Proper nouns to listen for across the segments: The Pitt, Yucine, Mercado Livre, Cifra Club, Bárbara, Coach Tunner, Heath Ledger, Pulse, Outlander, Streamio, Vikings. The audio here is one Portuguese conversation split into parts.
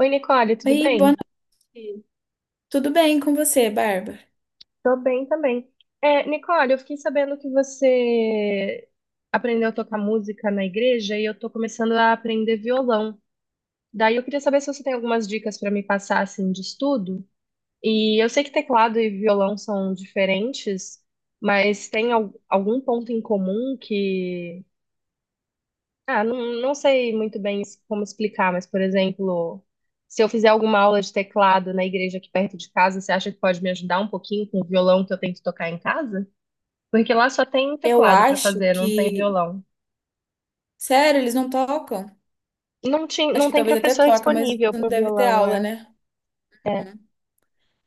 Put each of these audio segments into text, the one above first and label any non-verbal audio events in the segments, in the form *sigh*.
Oi, Nicole, tudo Oi, boa bem? noite. Tudo bem com você, Bárbara? Tô bem também. Nicole, eu fiquei sabendo que você aprendeu a tocar música na igreja e eu tô começando a aprender violão. Daí eu queria saber se você tem algumas dicas para me passar assim de estudo. E eu sei que teclado e violão são diferentes, mas tem algum ponto em comum que... Ah, não, não sei muito bem como explicar, mas, por exemplo, se eu fizer alguma aula de teclado na igreja aqui perto de casa, você acha que pode me ajudar um pouquinho com o violão que eu tento tocar em casa? Porque lá só tem Eu teclado para acho fazer, não tem que. violão. Sério, eles não tocam? Não tinha, Acho não que tem talvez até professor toca, mas disponível não para deve ter violão, aula, é. né? É. Uhum.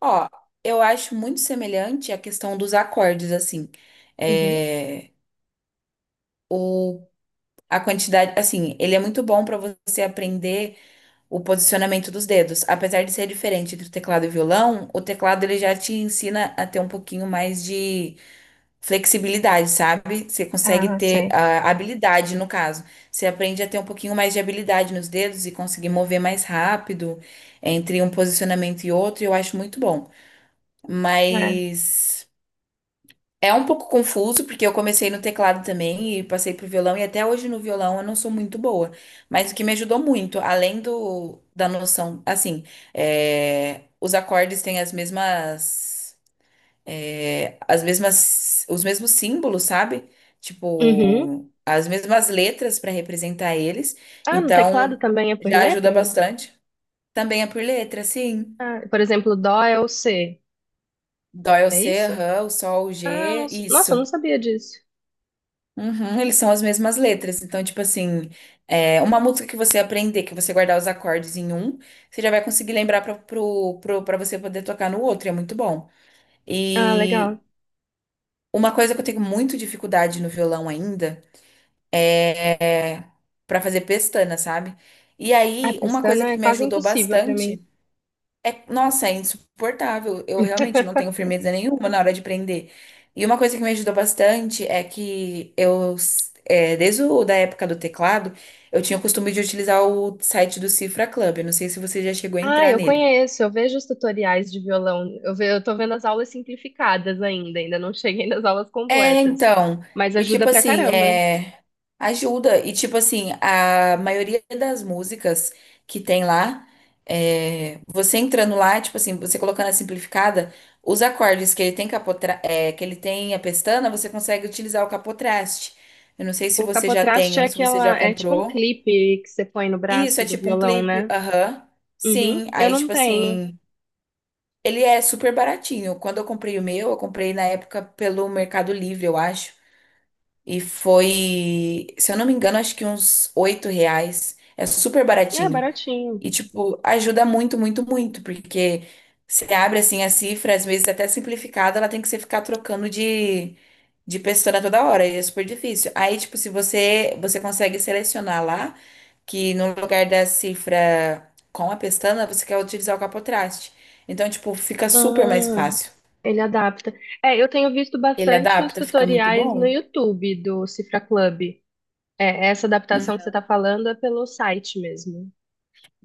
Ó, eu acho muito semelhante a questão dos acordes, assim. Uhum. É, o... A quantidade, assim, ele é muito bom para você aprender o posicionamento dos dedos. Apesar de ser diferente entre o teclado e o violão, o teclado ele já te ensina a ter um pouquinho mais de flexibilidade, sabe? Você consegue Ah, ter sei. a habilidade, no caso. Você aprende a ter um pouquinho mais de habilidade nos dedos e conseguir mover mais rápido entre um posicionamento e outro, e eu acho muito bom. É. Mas é um pouco confuso, porque eu comecei no teclado também e passei pro violão, e até hoje no violão eu não sou muito boa. Mas o que me ajudou muito, além da noção, assim, os acordes têm as mesmas os mesmos símbolos, sabe? Uhum. Tipo, as mesmas letras para representar eles. Ah, no teclado Então, também é por já ajuda letra? bastante. Também é por letra, sim. Ah, por exemplo, Dó é o C, Dó é o é C, isso? rã, o sol, o G, Nossa, eu não isso. sabia disso. Uhum, eles são as mesmas letras. Então, tipo assim, uma música que você aprender, que você guardar os acordes em um, você já vai conseguir lembrar pra você poder tocar no outro. É muito bom. Ah, E legal. uma coisa que eu tenho muito dificuldade no violão ainda. é Pra fazer pestana, sabe? E A aí, uma coisa pestana é que me quase ajudou impossível para mim. bastante é, nossa, é insuportável. Eu realmente não tenho firmeza nenhuma na hora de prender. E uma coisa que me ajudou bastante é que eu, desde da época do teclado, eu tinha o costume de utilizar o site do Cifra Club. Eu não sei se você já chegou a Ah, entrar eu nele. conheço, eu vejo os tutoriais de violão, eu tô vendo as aulas simplificadas ainda, ainda não cheguei nas aulas É, completas, então, mas e ajuda tipo pra assim, caramba. é, ajuda, e tipo assim, a maioria das músicas que tem lá, você entrando lá, tipo assim, você colocando a simplificada, os acordes que ele tem que ele tem a pestana, você consegue utilizar o capotraste. Eu não sei se O você já tem capotraste é um, se você já aquela, é tipo um comprou. clipe que você põe no Isso, braço é do tipo um violão, clipe, né? aham. Uhum. Sim, Eu aí não tipo tenho. assim, ele é super baratinho. Quando eu comprei o meu, eu comprei na época pelo Mercado Livre, eu acho. E foi, se eu não me engano, acho que uns R$ 8. É super É baratinho. baratinho. E, tipo, ajuda muito, muito, muito. Porque você abre, assim, a cifra, às vezes até simplificada, ela tem que você ficar trocando de pessoa toda hora. E é super difícil. Aí, tipo, se você, você consegue selecionar lá, que no lugar da cifra com a pestana, você quer utilizar o capotraste. Então, tipo, fica super mais Ah, fácil. ele adapta. É, eu tenho visto Ele bastante os adapta, fica muito tutoriais no bom. YouTube do Cifra Club. É, essa adaptação que você tá falando é pelo site mesmo.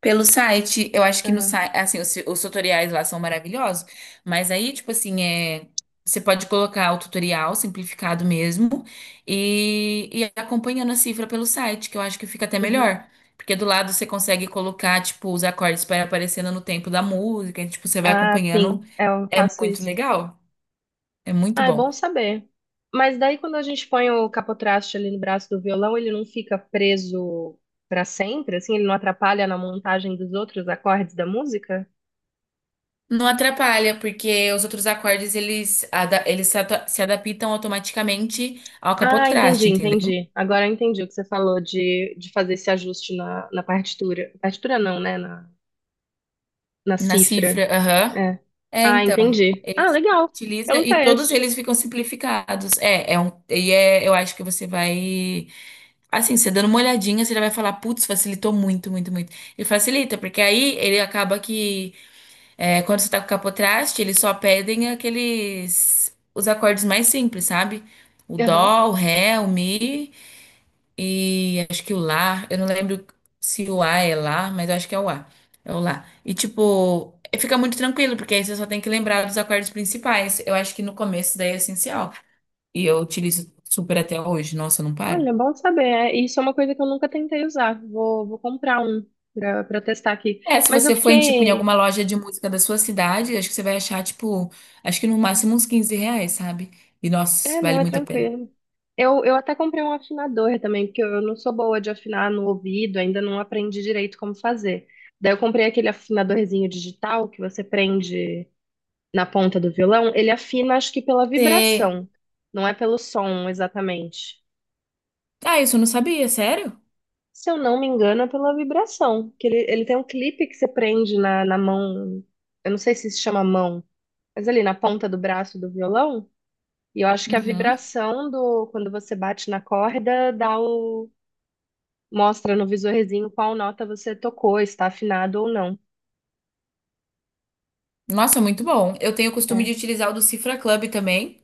Pelo site, eu acho que no Aham. site, assim, os tutoriais lá são maravilhosos, mas aí, tipo assim, você pode colocar o tutorial simplificado mesmo e acompanhando a cifra pelo site, que eu acho que fica até melhor, porque do lado você consegue colocar, tipo, os acordes para aparecendo no tempo da música, e, tipo, você vai Ah, acompanhando, sim, é, eu é faço muito isso. legal, é muito Ah, é bom bom. saber. Mas daí quando a gente põe o capotraste ali no braço do violão, ele não fica preso para sempre, assim, ele não atrapalha na montagem dos outros acordes da música? Não atrapalha, porque os outros acordes, eles, ada- eles se, ata- se adaptam automaticamente ao Ah, entendi, capotraste, entendeu? entendi. Agora eu entendi o que você falou de fazer esse ajuste na partitura. Partitura não, né? Na, na Na cifra, cifra. aham. É. É, Ah, então, entendi. Ah, eles legal. É utiliza um e todos eles teste. ficam simplificados. Eu acho que você vai, assim, você dando uma olhadinha, você já vai falar, putz, facilitou muito, muito, muito. Ele facilita, porque aí ele acaba que, quando você tá com capotraste, eles só pedem aqueles, os acordes mais simples, sabe? O Aham. dó, o ré, o mi e acho que o lar, eu não lembro se o A é lá, mas eu acho que é o A. É o lá. E tipo, fica muito tranquilo, porque aí você só tem que lembrar dos acordes principais. Eu acho que no começo daí é essencial. E eu utilizo super até hoje. Nossa, eu não paro. Olha, bom saber. É, isso é uma coisa que eu nunca tentei usar. Vou comprar um pra testar aqui. É, se Mas eu você for em, tipo, em fiquei. alguma loja de música da sua cidade, acho que você vai achar, tipo, acho que no máximo uns R$ 15, sabe? E nossa, É, não, vale é muito a pena. tranquilo. Eu até comprei um afinador também, porque eu não sou boa de afinar no ouvido, ainda não aprendi direito como fazer. Daí eu comprei aquele afinadorzinho digital que você prende na ponta do violão. Ele afina, acho que pela E... vibração, não é pelo som exatamente. Ah, isso eu não sabia, sério? Se eu não me engano, é pela vibração. Que ele tem um clipe que você prende na mão. Eu não sei se se chama mão, mas ali na ponta do braço do violão. E eu acho que a Uhum. vibração do quando você bate na corda dá o, mostra no visorzinho qual nota você tocou, está afinado ou não. Nossa, muito bom. Eu tenho o costume de É. utilizar o do Cifra Club também,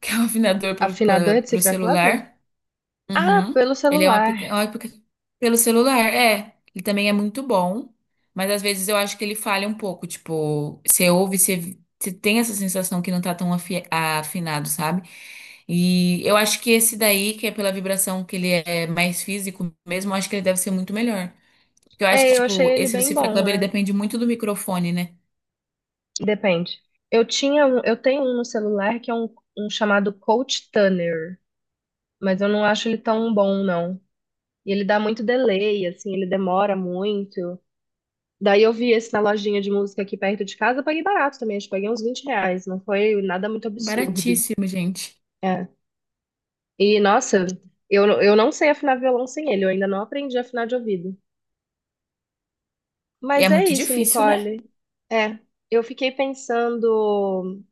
que é um afinador Afinador de para o cifra clave? celular. Ah, Uhum. pelo Ele celular. É um aplica- Pelo celular, é. Ele também é muito bom, mas às vezes eu acho que ele falha um pouco. Tipo, você tem essa sensação que não tá tão afinado, sabe? E eu acho que esse daí, que é pela vibração que ele é mais físico mesmo, eu acho que ele deve ser muito melhor. Porque eu acho que, É, eu achei tipo, ele esse do bem Cifra bom, Club, ele é. depende muito do microfone, né? Depende. Eu tenho um no celular que é um chamado Coach Tunner, mas eu não acho ele tão bom, não. E ele dá muito delay, assim, ele demora muito. Daí eu vi esse na lojinha de música aqui perto de casa, eu paguei barato também, acho que paguei uns 20 reais, não foi nada muito absurdo. Baratíssimo, gente. É. E, nossa, eu não sei afinar violão sem ele, eu ainda não aprendi a afinar de ouvido. E Mas é é muito isso, difícil, né? Nicole. É, eu fiquei pensando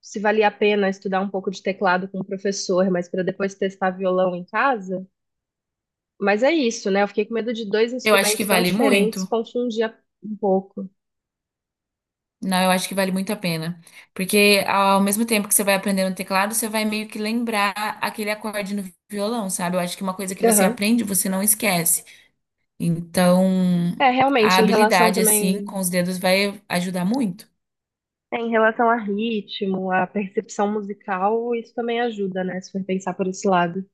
se valia a pena estudar um pouco de teclado com o professor, mas para depois testar violão em casa. Mas é isso, né? Eu fiquei com medo de dois Eu acho que instrumentos tão vale diferentes muito. confundir um pouco. Não, eu acho que vale muito a pena. Porque ao mesmo tempo que você vai aprender no teclado, você vai meio que lembrar aquele acorde no violão, sabe? Eu acho que uma coisa que você Aham. aprende, você não esquece. Então, É, a realmente, em relação habilidade, assim, também, com os dedos vai ajudar muito. é, em relação a ritmo, a percepção musical, isso também ajuda, né? Se for pensar por esse lado.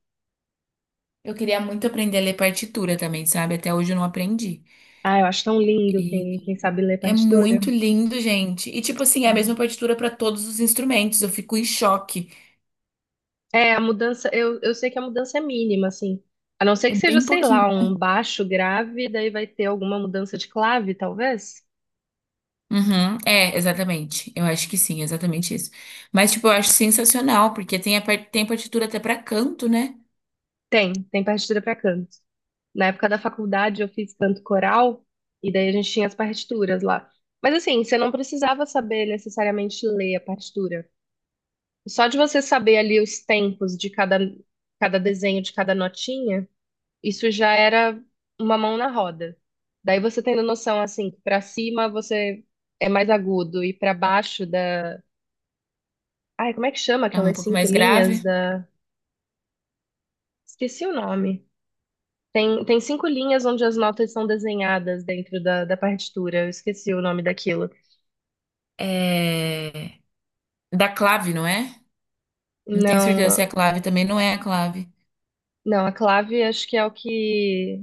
Eu queria muito aprender a ler partitura também, sabe? Até hoje eu não aprendi. Ah, eu acho tão lindo quem, E quem sabe ler é partitura. muito lindo, gente. E, tipo assim, é a mesma partitura para todos os instrumentos. Eu fico em choque. É, a mudança, eu sei que a mudança é mínima, assim. A não ser É que seja, bem sei pouquinho. lá, um baixo grave, daí vai ter alguma mudança de clave, talvez? Uhum, é, exatamente. Eu acho que sim, exatamente isso. Mas, tipo, eu acho sensacional, porque tem, tem partitura até pra canto, né? Tem, tem partitura para canto. Na época da faculdade eu fiz canto coral, e daí a gente tinha as partituras lá. Mas assim, você não precisava saber necessariamente ler a partitura. Só de você saber ali os tempos de cada, cada desenho, de cada notinha, isso já era uma mão na roda. Daí você tendo noção, assim, que pra cima você é mais agudo e pra baixo da... Ai, como é que chama É um aquelas pouco cinco mais linhas grave. da... Esqueci o nome. Tem, tem cinco linhas onde as notas são desenhadas dentro da partitura. Eu esqueci o nome daquilo. É... Da clave, não é? Não tenho certeza se é a Não, clave, também não é a clave. não, a clave acho que é o que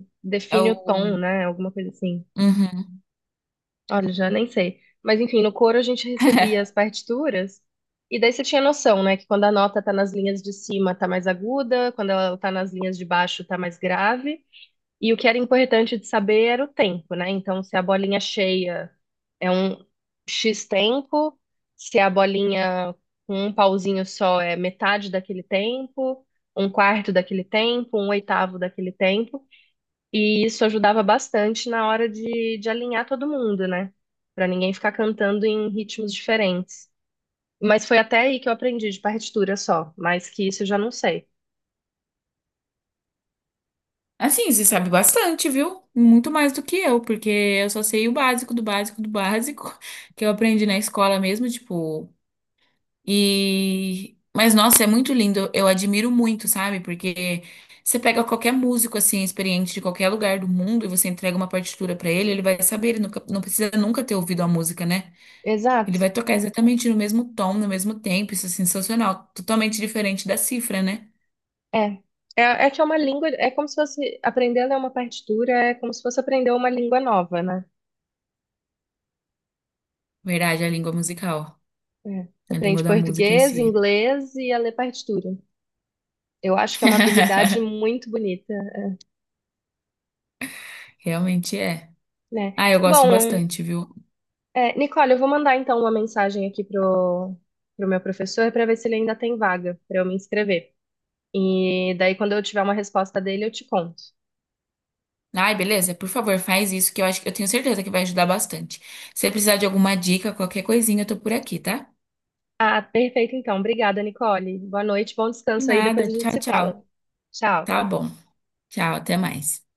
É define o tom, o. né? Alguma coisa assim. Uhum. Olha, já nem sei. Mas enfim, no coro a gente recebia as *laughs* partituras e daí você tinha noção, né, que quando a nota tá nas linhas de cima tá mais aguda, quando ela tá nas linhas de baixo tá mais grave. E o que era importante de saber era o tempo, né? Então, se a bolinha cheia é um X tempo, se a bolinha com um pauzinho só é metade daquele tempo, um quarto daquele tempo, um oitavo daquele tempo. E isso ajudava bastante na hora de alinhar todo mundo, né? Pra ninguém ficar cantando em ritmos diferentes. Mas foi até aí que eu aprendi de partitura só, mais que isso eu já não sei. Assim, você sabe bastante, viu? Muito mais do que eu, porque eu só sei o básico do básico do básico, *laughs* que eu aprendi na escola mesmo, tipo. E mas nossa, é muito lindo. Eu admiro muito, sabe? Porque você pega qualquer músico assim experiente de qualquer lugar do mundo e você entrega uma partitura pra ele, ele vai saber, ele nunca, não precisa nunca ter ouvido a música, né? Ele Exato. vai tocar exatamente no mesmo tom, no mesmo tempo. Isso é sensacional, totalmente diferente da cifra, né? É. É, é que é uma língua, é como se fosse aprender a ler uma partitura, é como se fosse aprender uma língua nova, né? Verdade, a língua musical, É. Você a língua aprende da música em português, si. inglês e a ler partitura. Eu acho que é uma habilidade *laughs* muito bonita, Realmente é. né? Ah, eu gosto Bom, bastante, viu? é, Nicole, eu vou mandar então uma mensagem aqui pro meu professor para ver se ele ainda tem vaga para eu me inscrever. E daí, quando eu tiver uma resposta dele, eu te conto. Ai, beleza? Por favor, faz isso que eu acho que eu tenho certeza que vai ajudar bastante. Se você precisar de alguma dica, qualquer coisinha, eu tô por aqui, tá? Ah, perfeito então. Obrigada, Nicole. Boa noite, bom De descanso aí, depois nada. a gente Tchau, se tchau. fala. Tchau. Tá bom. Tchau, até mais.